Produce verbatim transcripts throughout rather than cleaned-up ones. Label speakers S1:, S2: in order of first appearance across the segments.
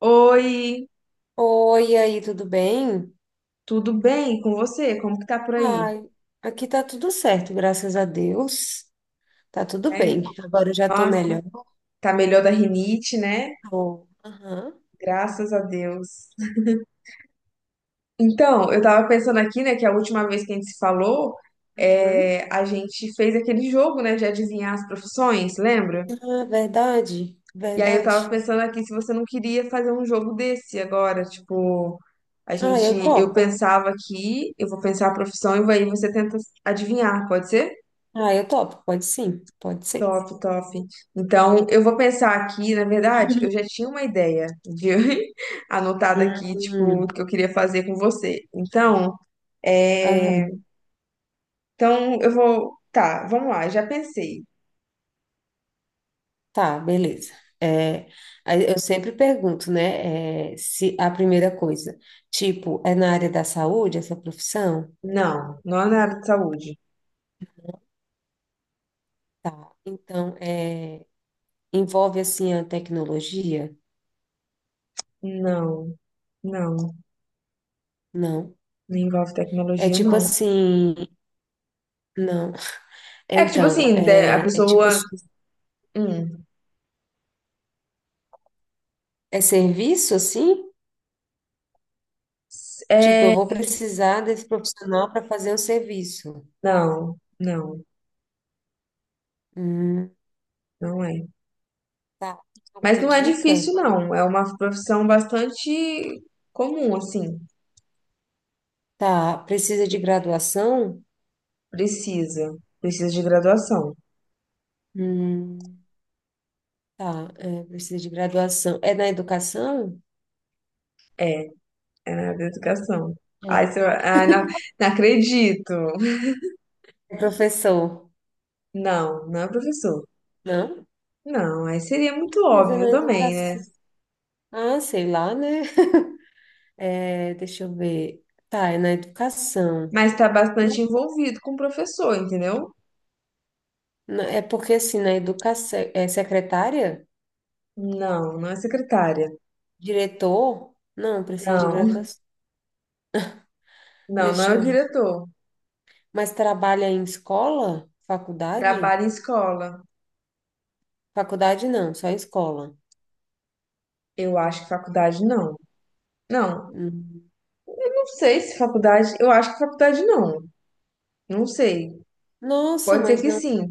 S1: Oi,
S2: Oi, e aí, tudo bem?
S1: tudo bem com você? Como que tá por aí?
S2: Ai, aqui tá tudo certo, graças a Deus. Tá tudo
S1: Né?
S2: bem. Agora eu já tô
S1: Nossa,
S2: melhor.
S1: tá melhor da rinite, né?
S2: Tô- Aham.
S1: Graças a Deus. Então, eu tava pensando aqui, né, que a última vez que a gente se falou,
S2: Uhum.
S1: é, a gente fez aquele jogo, né, de adivinhar as profissões, lembra?
S2: Ah, verdade,
S1: E aí eu tava
S2: verdade.
S1: pensando aqui se você não queria fazer um jogo desse agora, tipo, a
S2: Ah,
S1: gente,
S2: eu
S1: eu
S2: topo.
S1: pensava aqui, eu vou pensar a profissão e aí você tenta adivinhar, pode ser?
S2: Ah, eu topo. Pode sim, pode ser.
S1: Top, top. Então, eu vou pensar aqui, na verdade, eu já tinha uma ideia de anotada aqui, tipo, o
S2: Uhum.
S1: que eu queria fazer com você. Então, é...
S2: Aham.
S1: então eu vou, tá, vamos lá, já pensei.
S2: Tá, beleza. É, aí eu sempre pergunto, né? É, se a primeira coisa, tipo, é na área da saúde, essa profissão?
S1: Não, não é na área de saúde.
S2: Tá. Então, é. Envolve assim a tecnologia?
S1: Não, não,
S2: Não.
S1: não envolve
S2: É
S1: tecnologia,
S2: tipo
S1: não.
S2: assim, não. É,
S1: É que tipo
S2: Então,
S1: assim, de- a
S2: é, é tipo
S1: pessoa,
S2: assim,
S1: hum,
S2: é serviço assim? Tipo, eu
S1: é,
S2: vou precisar desse profissional para fazer um serviço.
S1: não, não,
S2: Hum,
S1: não é.
S2: tá.
S1: Mas
S2: Alguma
S1: não é
S2: dica?
S1: difícil, não. É uma profissão bastante comum, assim.
S2: Tá. Precisa de graduação?
S1: Precisa. Precisa de graduação.
S2: Hum, tá. É, precisa de graduação. É na educação?
S1: É na área da educação. Aí você
S2: É.
S1: vai. Ai, não, não acredito.
S2: É professor?
S1: Não, não é professor.
S2: Não?
S1: Não, aí seria muito
S2: Mas é
S1: óbvio
S2: na
S1: também, né?
S2: educação. Ah, sei lá, né? É, deixa eu ver. Tá, é na educação.
S1: Mas tá
S2: Não,
S1: bastante envolvido com o professor, entendeu?
S2: não, É porque assim, na educação, é secretária,
S1: Não, não é secretária.
S2: diretor, não precisa de
S1: Não,
S2: graduação.
S1: não, não
S2: Deixa
S1: é o
S2: eu ver.
S1: diretor.
S2: Mas trabalha em escola? Faculdade?
S1: Trabalha em escola.
S2: Faculdade não, só em escola.
S1: Eu acho que faculdade não. Não,
S2: Hum.
S1: não sei se faculdade. Eu acho que faculdade não. Não sei.
S2: Nossa,
S1: Pode ser
S2: mas
S1: que
S2: não
S1: sim.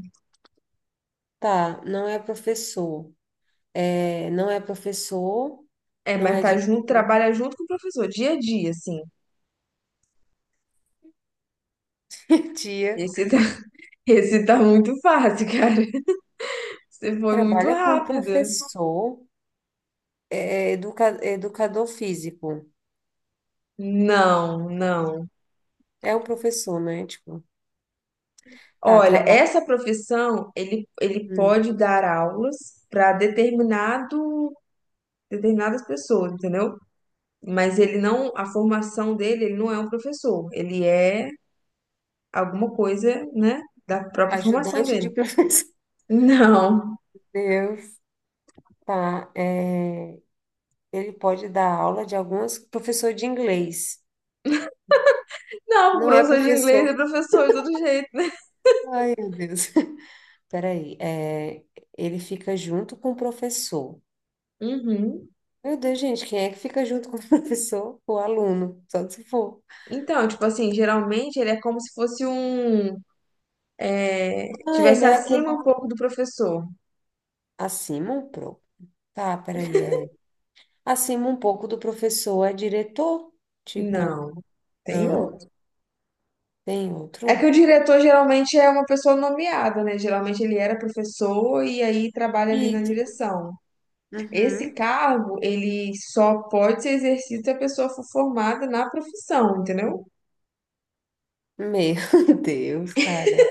S2: tá, não é professor. É, não é professor,
S1: É,
S2: não
S1: mas
S2: é
S1: tá
S2: de
S1: junto, trabalha junto com o professor, dia a dia, assim.
S2: diretor.
S1: Esse esse tá muito fácil, cara. Você foi muito
S2: Trabalha com
S1: rápida.
S2: professor, é, é educa, educador físico.
S1: Não, não.
S2: É o professor, né? Tipo, tá,
S1: Olha,
S2: trabalha.
S1: essa profissão, ele, ele
S2: Hum.
S1: pode dar aulas para determinado, determinadas pessoas, entendeu? Mas ele não, a formação dele, ele não é um professor. Ele é alguma coisa, né, da própria formação
S2: Ajudante
S1: dele.
S2: de professor.
S1: Não.
S2: Deus. Tá, é, ele pode dar aula de algumas professor de inglês.
S1: Não,
S2: Não é
S1: professor de inglês é
S2: professor.
S1: professor de todo jeito, né?
S2: Ai, meu Deus. Peraí, é, ele fica junto com o professor.
S1: Uhum.
S2: Meu Deus, gente, quem é que fica junto com o professor? O aluno, só se for.
S1: Então, tipo assim, geralmente ele é como se fosse um
S2: Ah, ele
S1: tivesse
S2: é
S1: acima
S2: aquele
S1: um pouco do professor.
S2: acima um pouco. Tá, peraí, é acima um pouco do professor é diretor? Tipo,
S1: Não, tem
S2: não,
S1: outro.
S2: tem
S1: É que o
S2: outro?
S1: diretor geralmente é uma pessoa nomeada, né? Geralmente ele era professor e aí trabalha ali na
S2: Isso.
S1: direção. Esse
S2: Uhum.
S1: cargo, ele só pode ser exercido se a pessoa for formada na profissão, entendeu?
S2: Meu Deus, cara.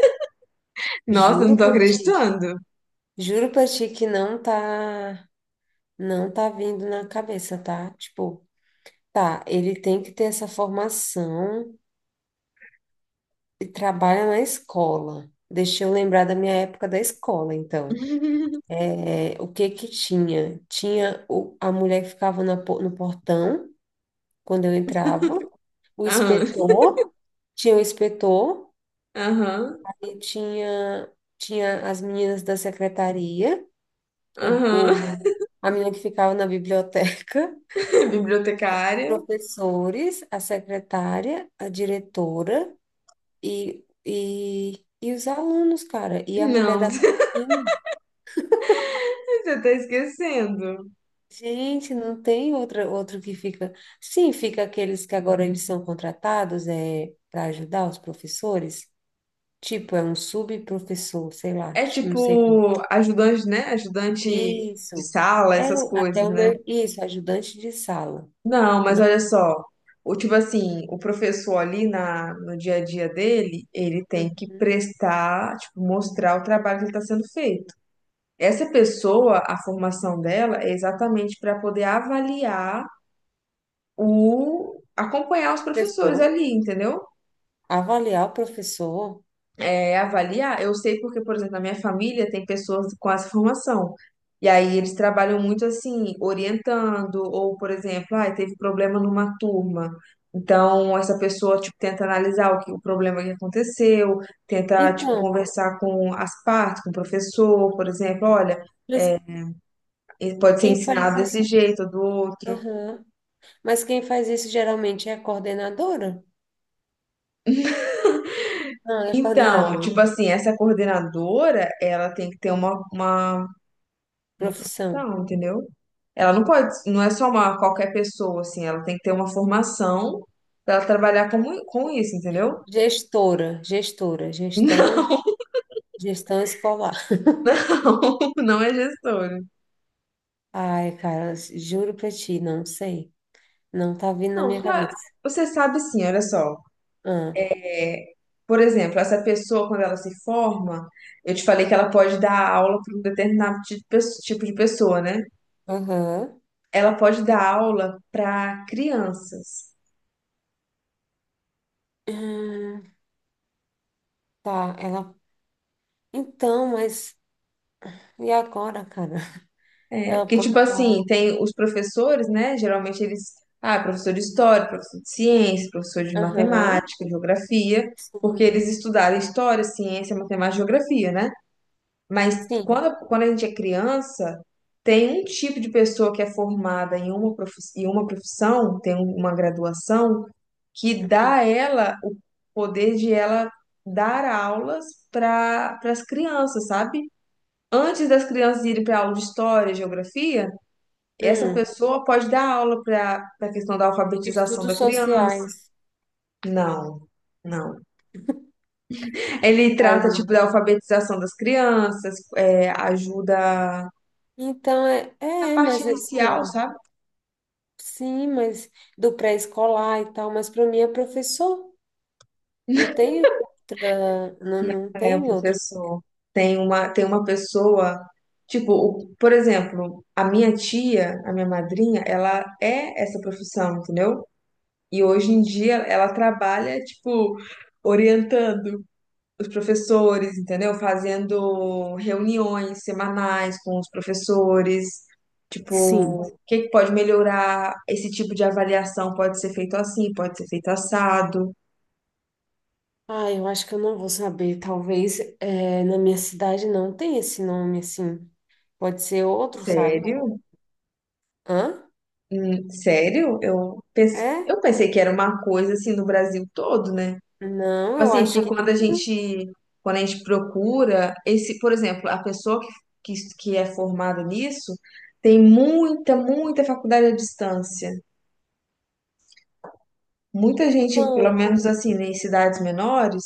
S1: Nossa, eu
S2: Juro
S1: não tô
S2: pra ti.
S1: acreditando.
S2: Juro pra ti que não tá, Não tá vindo na cabeça, tá? Tipo, tá, ele tem que ter essa formação e trabalha na escola. Deixa eu lembrar da minha época da escola, então. É, o que que tinha? Tinha o- a mulher que ficava na po- no portão, quando eu entrava, o
S1: Aham,
S2: inspetor, tinha o inspetor,
S1: aham,
S2: e tinha, tinha as meninas da secretaria, o, o-
S1: aham.
S2: a menina que ficava na biblioteca,
S1: Bibliotecária?
S2: professores, a secretária, a diretora e, e, e os alunos, cara. E a mulher
S1: Não,
S2: da cantina.
S1: você tá esquecendo.
S2: Gente, não tem outra, outro que fica. Sim, fica aqueles que agora eles são contratados é, para ajudar os professores. Tipo, é um subprofessor, sei lá,
S1: É
S2: não sei. como-
S1: tipo ajudante, né? Ajudante de
S2: Isso.
S1: sala,
S2: É
S1: essas
S2: até
S1: coisas,
S2: o
S1: né?
S2: meu. Isso, ajudante de sala.
S1: Não, mas
S2: Não.
S1: olha só, o tipo assim, o professor ali na, no dia a dia dele, ele tem que
S2: Uhum.
S1: prestar, tipo, mostrar o trabalho que está sendo feito. Essa pessoa, a formação dela é exatamente para poder avaliar o, acompanhar os professores
S2: Professor,
S1: ali, entendeu?
S2: avaliar o professor.
S1: É, avaliar, eu sei porque, por exemplo, na minha família tem pessoas com essa formação. E aí eles trabalham muito assim, orientando, ou, por exemplo, ah, teve problema numa turma. Então, essa pessoa, tipo, tenta analisar o que, o problema que aconteceu, tenta, tipo,
S2: Então,
S1: conversar com as partes, com o professor, por exemplo, olha,
S2: mas
S1: ele pode ser
S2: quem
S1: ensinado
S2: faz
S1: desse
S2: isso?
S1: jeito ou do outro.
S2: Aham. Mas quem faz isso geralmente é a coordenadora? Não, é
S1: Então,
S2: coordenadora.
S1: tipo assim, essa coordenadora, ela tem que ter uma, uma uma
S2: Profissão.
S1: profissão, entendeu? Ela não pode, não é só uma qualquer pessoa, assim, ela tem que ter uma formação para ela trabalhar com, com isso, entendeu?
S2: Gestora, gestora, gestão, Gestão escolar.
S1: Não, não, não é gestora.
S2: Ai, cara, juro pra ti, não sei. Não tá vindo na
S1: Não,
S2: minha
S1: claro,
S2: cabeça.
S1: você sabe sim, olha só.
S2: Ah,
S1: É, por exemplo, essa pessoa, quando ela se forma, eu te falei que ela pode dar aula para um determinado ti- pe- tipo de pessoa, né?
S2: aham.
S1: Ela pode dar aula para crianças.
S2: Hum, tá, ela. Então, mas e agora, cara? Ela
S1: Porque,
S2: pode
S1: tipo
S2: dar.
S1: assim,
S2: Um,
S1: tem os professores, né? Geralmente eles. Ah, professor de história, professor de ciência, professor de
S2: Aham.
S1: matemática, geografia, porque
S2: Sim.
S1: eles estudaram história, ciência, matemática geografia, né? Mas
S2: Sim.
S1: quando, quando a gente é criança, tem um tipo de pessoa que é formada em uma profissão, em uma profissão, tem uma graduação, que dá
S2: Uhum.
S1: a ela o poder de ela dar aulas para as crianças, sabe? Antes das crianças irem para aula de história, geografia. Essa
S2: Hum,
S1: pessoa pode dar aula para a questão da alfabetização da
S2: Estudos
S1: criança?
S2: sociais.
S1: Não, não. Ele
S2: Ai,
S1: trata, tipo, da alfabetização das crianças, é, ajuda
S2: Então, é,
S1: na
S2: é,
S1: parte
S2: mas assim,
S1: inicial,
S2: ó,
S1: sabe?
S2: sim, mas do pré-escolar e tal, mas para mim é professor, não tem outra, não, não
S1: É, o
S2: tem outra.
S1: professor tem uma, tem uma pessoa, tipo, o- por exemplo, a minha tia, a minha madrinha, ela é essa profissão, entendeu? E hoje em dia ela trabalha, tipo, orientando os professores, entendeu? Fazendo reuniões semanais com os professores, tipo,
S2: Sim.
S1: o que que pode melhorar? Esse tipo de avaliação pode ser feito assim, pode ser feito assado.
S2: Ah, eu acho que eu não vou saber, talvez é, na minha cidade não tem esse nome, assim, pode ser outro, sabe?
S1: Sério?
S2: Hã?
S1: Hum, sério? Eu pensei,
S2: É?
S1: eu pensei que era uma coisa assim no Brasil todo, né?
S2: Não, eu
S1: Assim,
S2: acho
S1: porque
S2: que
S1: quando a
S2: não.
S1: gente, quando a gente procura esse, por exemplo, a pessoa que, que, que é formada nisso tem muita, muita faculdade à distância. Muita gente, pelo
S2: Então,
S1: menos assim, né, em cidades menores,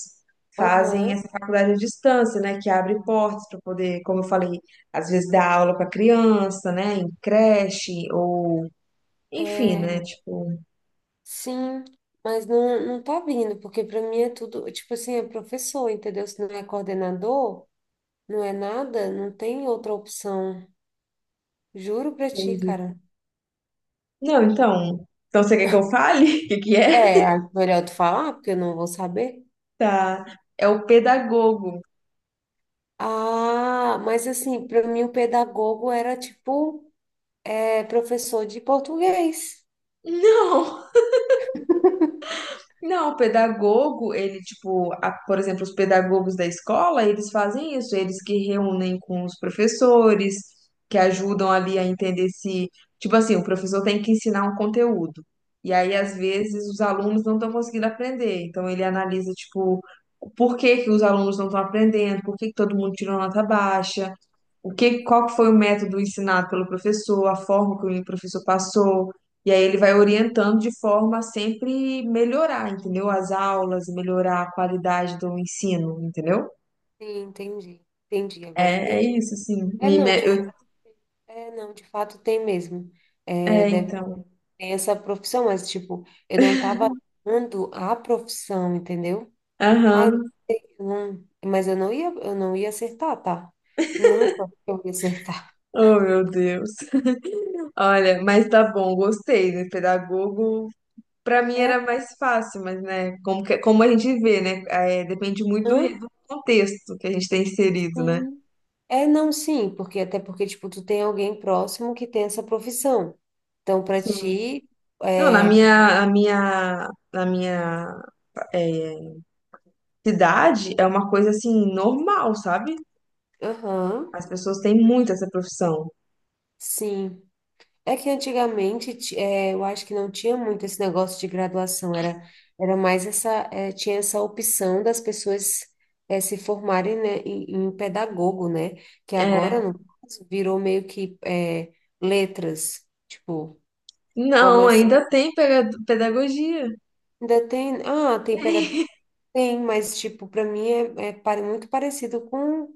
S1: fazem
S2: aham,
S1: essa faculdade à distância, né? Que abre portas para poder, como eu falei, às vezes dar aula para criança, né? Em creche, ou enfim, né?
S2: é,
S1: Tipo.
S2: sim, mas não, não tá vindo, porque para mim é tudo, tipo assim, é professor, entendeu? Se não é coordenador... Não é nada, não tem outra opção. Juro pra ti,
S1: Entendi.
S2: cara.
S1: Não, então. Então você quer que eu fale? O que que é?
S2: É, acho melhor tu falar, porque eu não vou saber.
S1: Tá. É o pedagogo.
S2: Ah, mas assim, pra mim o pedagogo era tipo é, professor de português.
S1: Não! Não, o pedagogo, ele, tipo, a- por exemplo, os pedagogos da escola, eles fazem isso, eles que reúnem com os professores, que ajudam ali a entender se, tipo assim, o professor tem que ensinar um conteúdo. E aí, às vezes, os alunos não estão conseguindo aprender. Então, ele analisa, tipo, por que que os alunos não estão aprendendo, por que que todo mundo tirou nota baixa, o que, qual que foi o método ensinado pelo professor, a forma que o professor passou. E aí ele vai orientando de forma a sempre melhorar, entendeu? As aulas, melhorar a qualidade do ensino, entendeu?
S2: Sim, entendi. Entendi, agora eu
S1: É, é
S2: entendi.
S1: isso, assim.
S2: É,
S1: Me,
S2: não,
S1: me-
S2: de
S1: eu-
S2: fato, é, não, De fato tem mesmo. É,
S1: é,
S2: deve
S1: então.
S2: ter essa profissão, mas tipo, eu não tava dando a profissão, entendeu? Ah, eu
S1: Aham.
S2: não, mas eu não ia, eu não ia acertar, tá? Nunca eu ia acertar.
S1: Oh, meu Deus. Olha, mas tá bom, gostei, né? Pedagogo, pra mim era
S2: É,
S1: mais fácil, mas, né? Como, que- como a gente vê, né? É, depende muito do,
S2: hã?
S1: re- do contexto que a gente tem inserido, né?
S2: Sim. É, não, Sim, porque até porque, tipo, tu tem alguém próximo que tem essa profissão. Então, para
S1: Sim.
S2: ti,
S1: Não, na
S2: é, fi-
S1: minha, na minha, na minha é, cidade é uma coisa assim normal, sabe?
S2: aham,
S1: As pessoas têm muito essa profissão.
S2: sim. É que antigamente, ti- é, eu acho que não tinha muito esse negócio de graduação, era, era mais essa, é, tinha essa opção das pessoas, é, se formarem, né, em, em pedagogo, né? Que agora,
S1: É.
S2: no caso, virou meio que, é, letras, tipo,
S1: Não,
S2: formas...
S1: ainda tem pega- pedagogia.
S2: Ainda tem, ah, tem pega, sim, mas tipo, para mim é, é pare- muito parecido com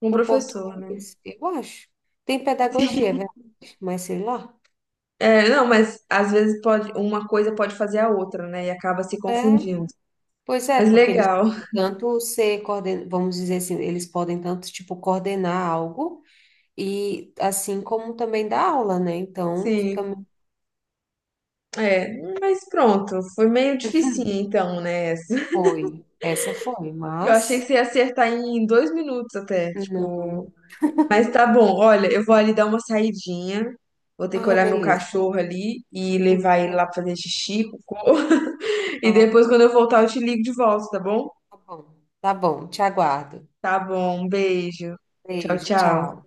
S1: Um
S2: o
S1: professor, né?
S2: português, eu acho. Tem pedagogia, é verdade, mas sei lá.
S1: É, não, mas às vezes pode, uma coisa pode fazer a outra, né? E acaba se
S2: É,
S1: confundindo.
S2: pois é,
S1: Mas
S2: porque eles
S1: legal,
S2: podem tanto ser coorden, vamos dizer assim, eles podem tanto tipo coordenar algo e assim como também dar aula, né? Então fica
S1: sim.
S2: meio,
S1: É, mas pronto, foi meio dificinho então, né? Essa.
S2: foi, essa foi,
S1: Eu achei que
S2: mas
S1: você ia acertar em dois minutos até,
S2: não.
S1: tipo. Mas tá bom, olha, eu vou ali dar uma saidinha. Vou ter que
S2: Ah,
S1: olhar meu
S2: beleza.
S1: cachorro ali e
S2: Hum,
S1: levar ele
S2: é,
S1: lá pra fazer xixi, cocô. E
S2: Ah,
S1: depois, quando eu voltar, eu te ligo de volta, tá bom?
S2: tá bom. Tá bom, te aguardo.
S1: Tá bom, um beijo. Tchau,
S2: Beijo,
S1: tchau.
S2: tchau.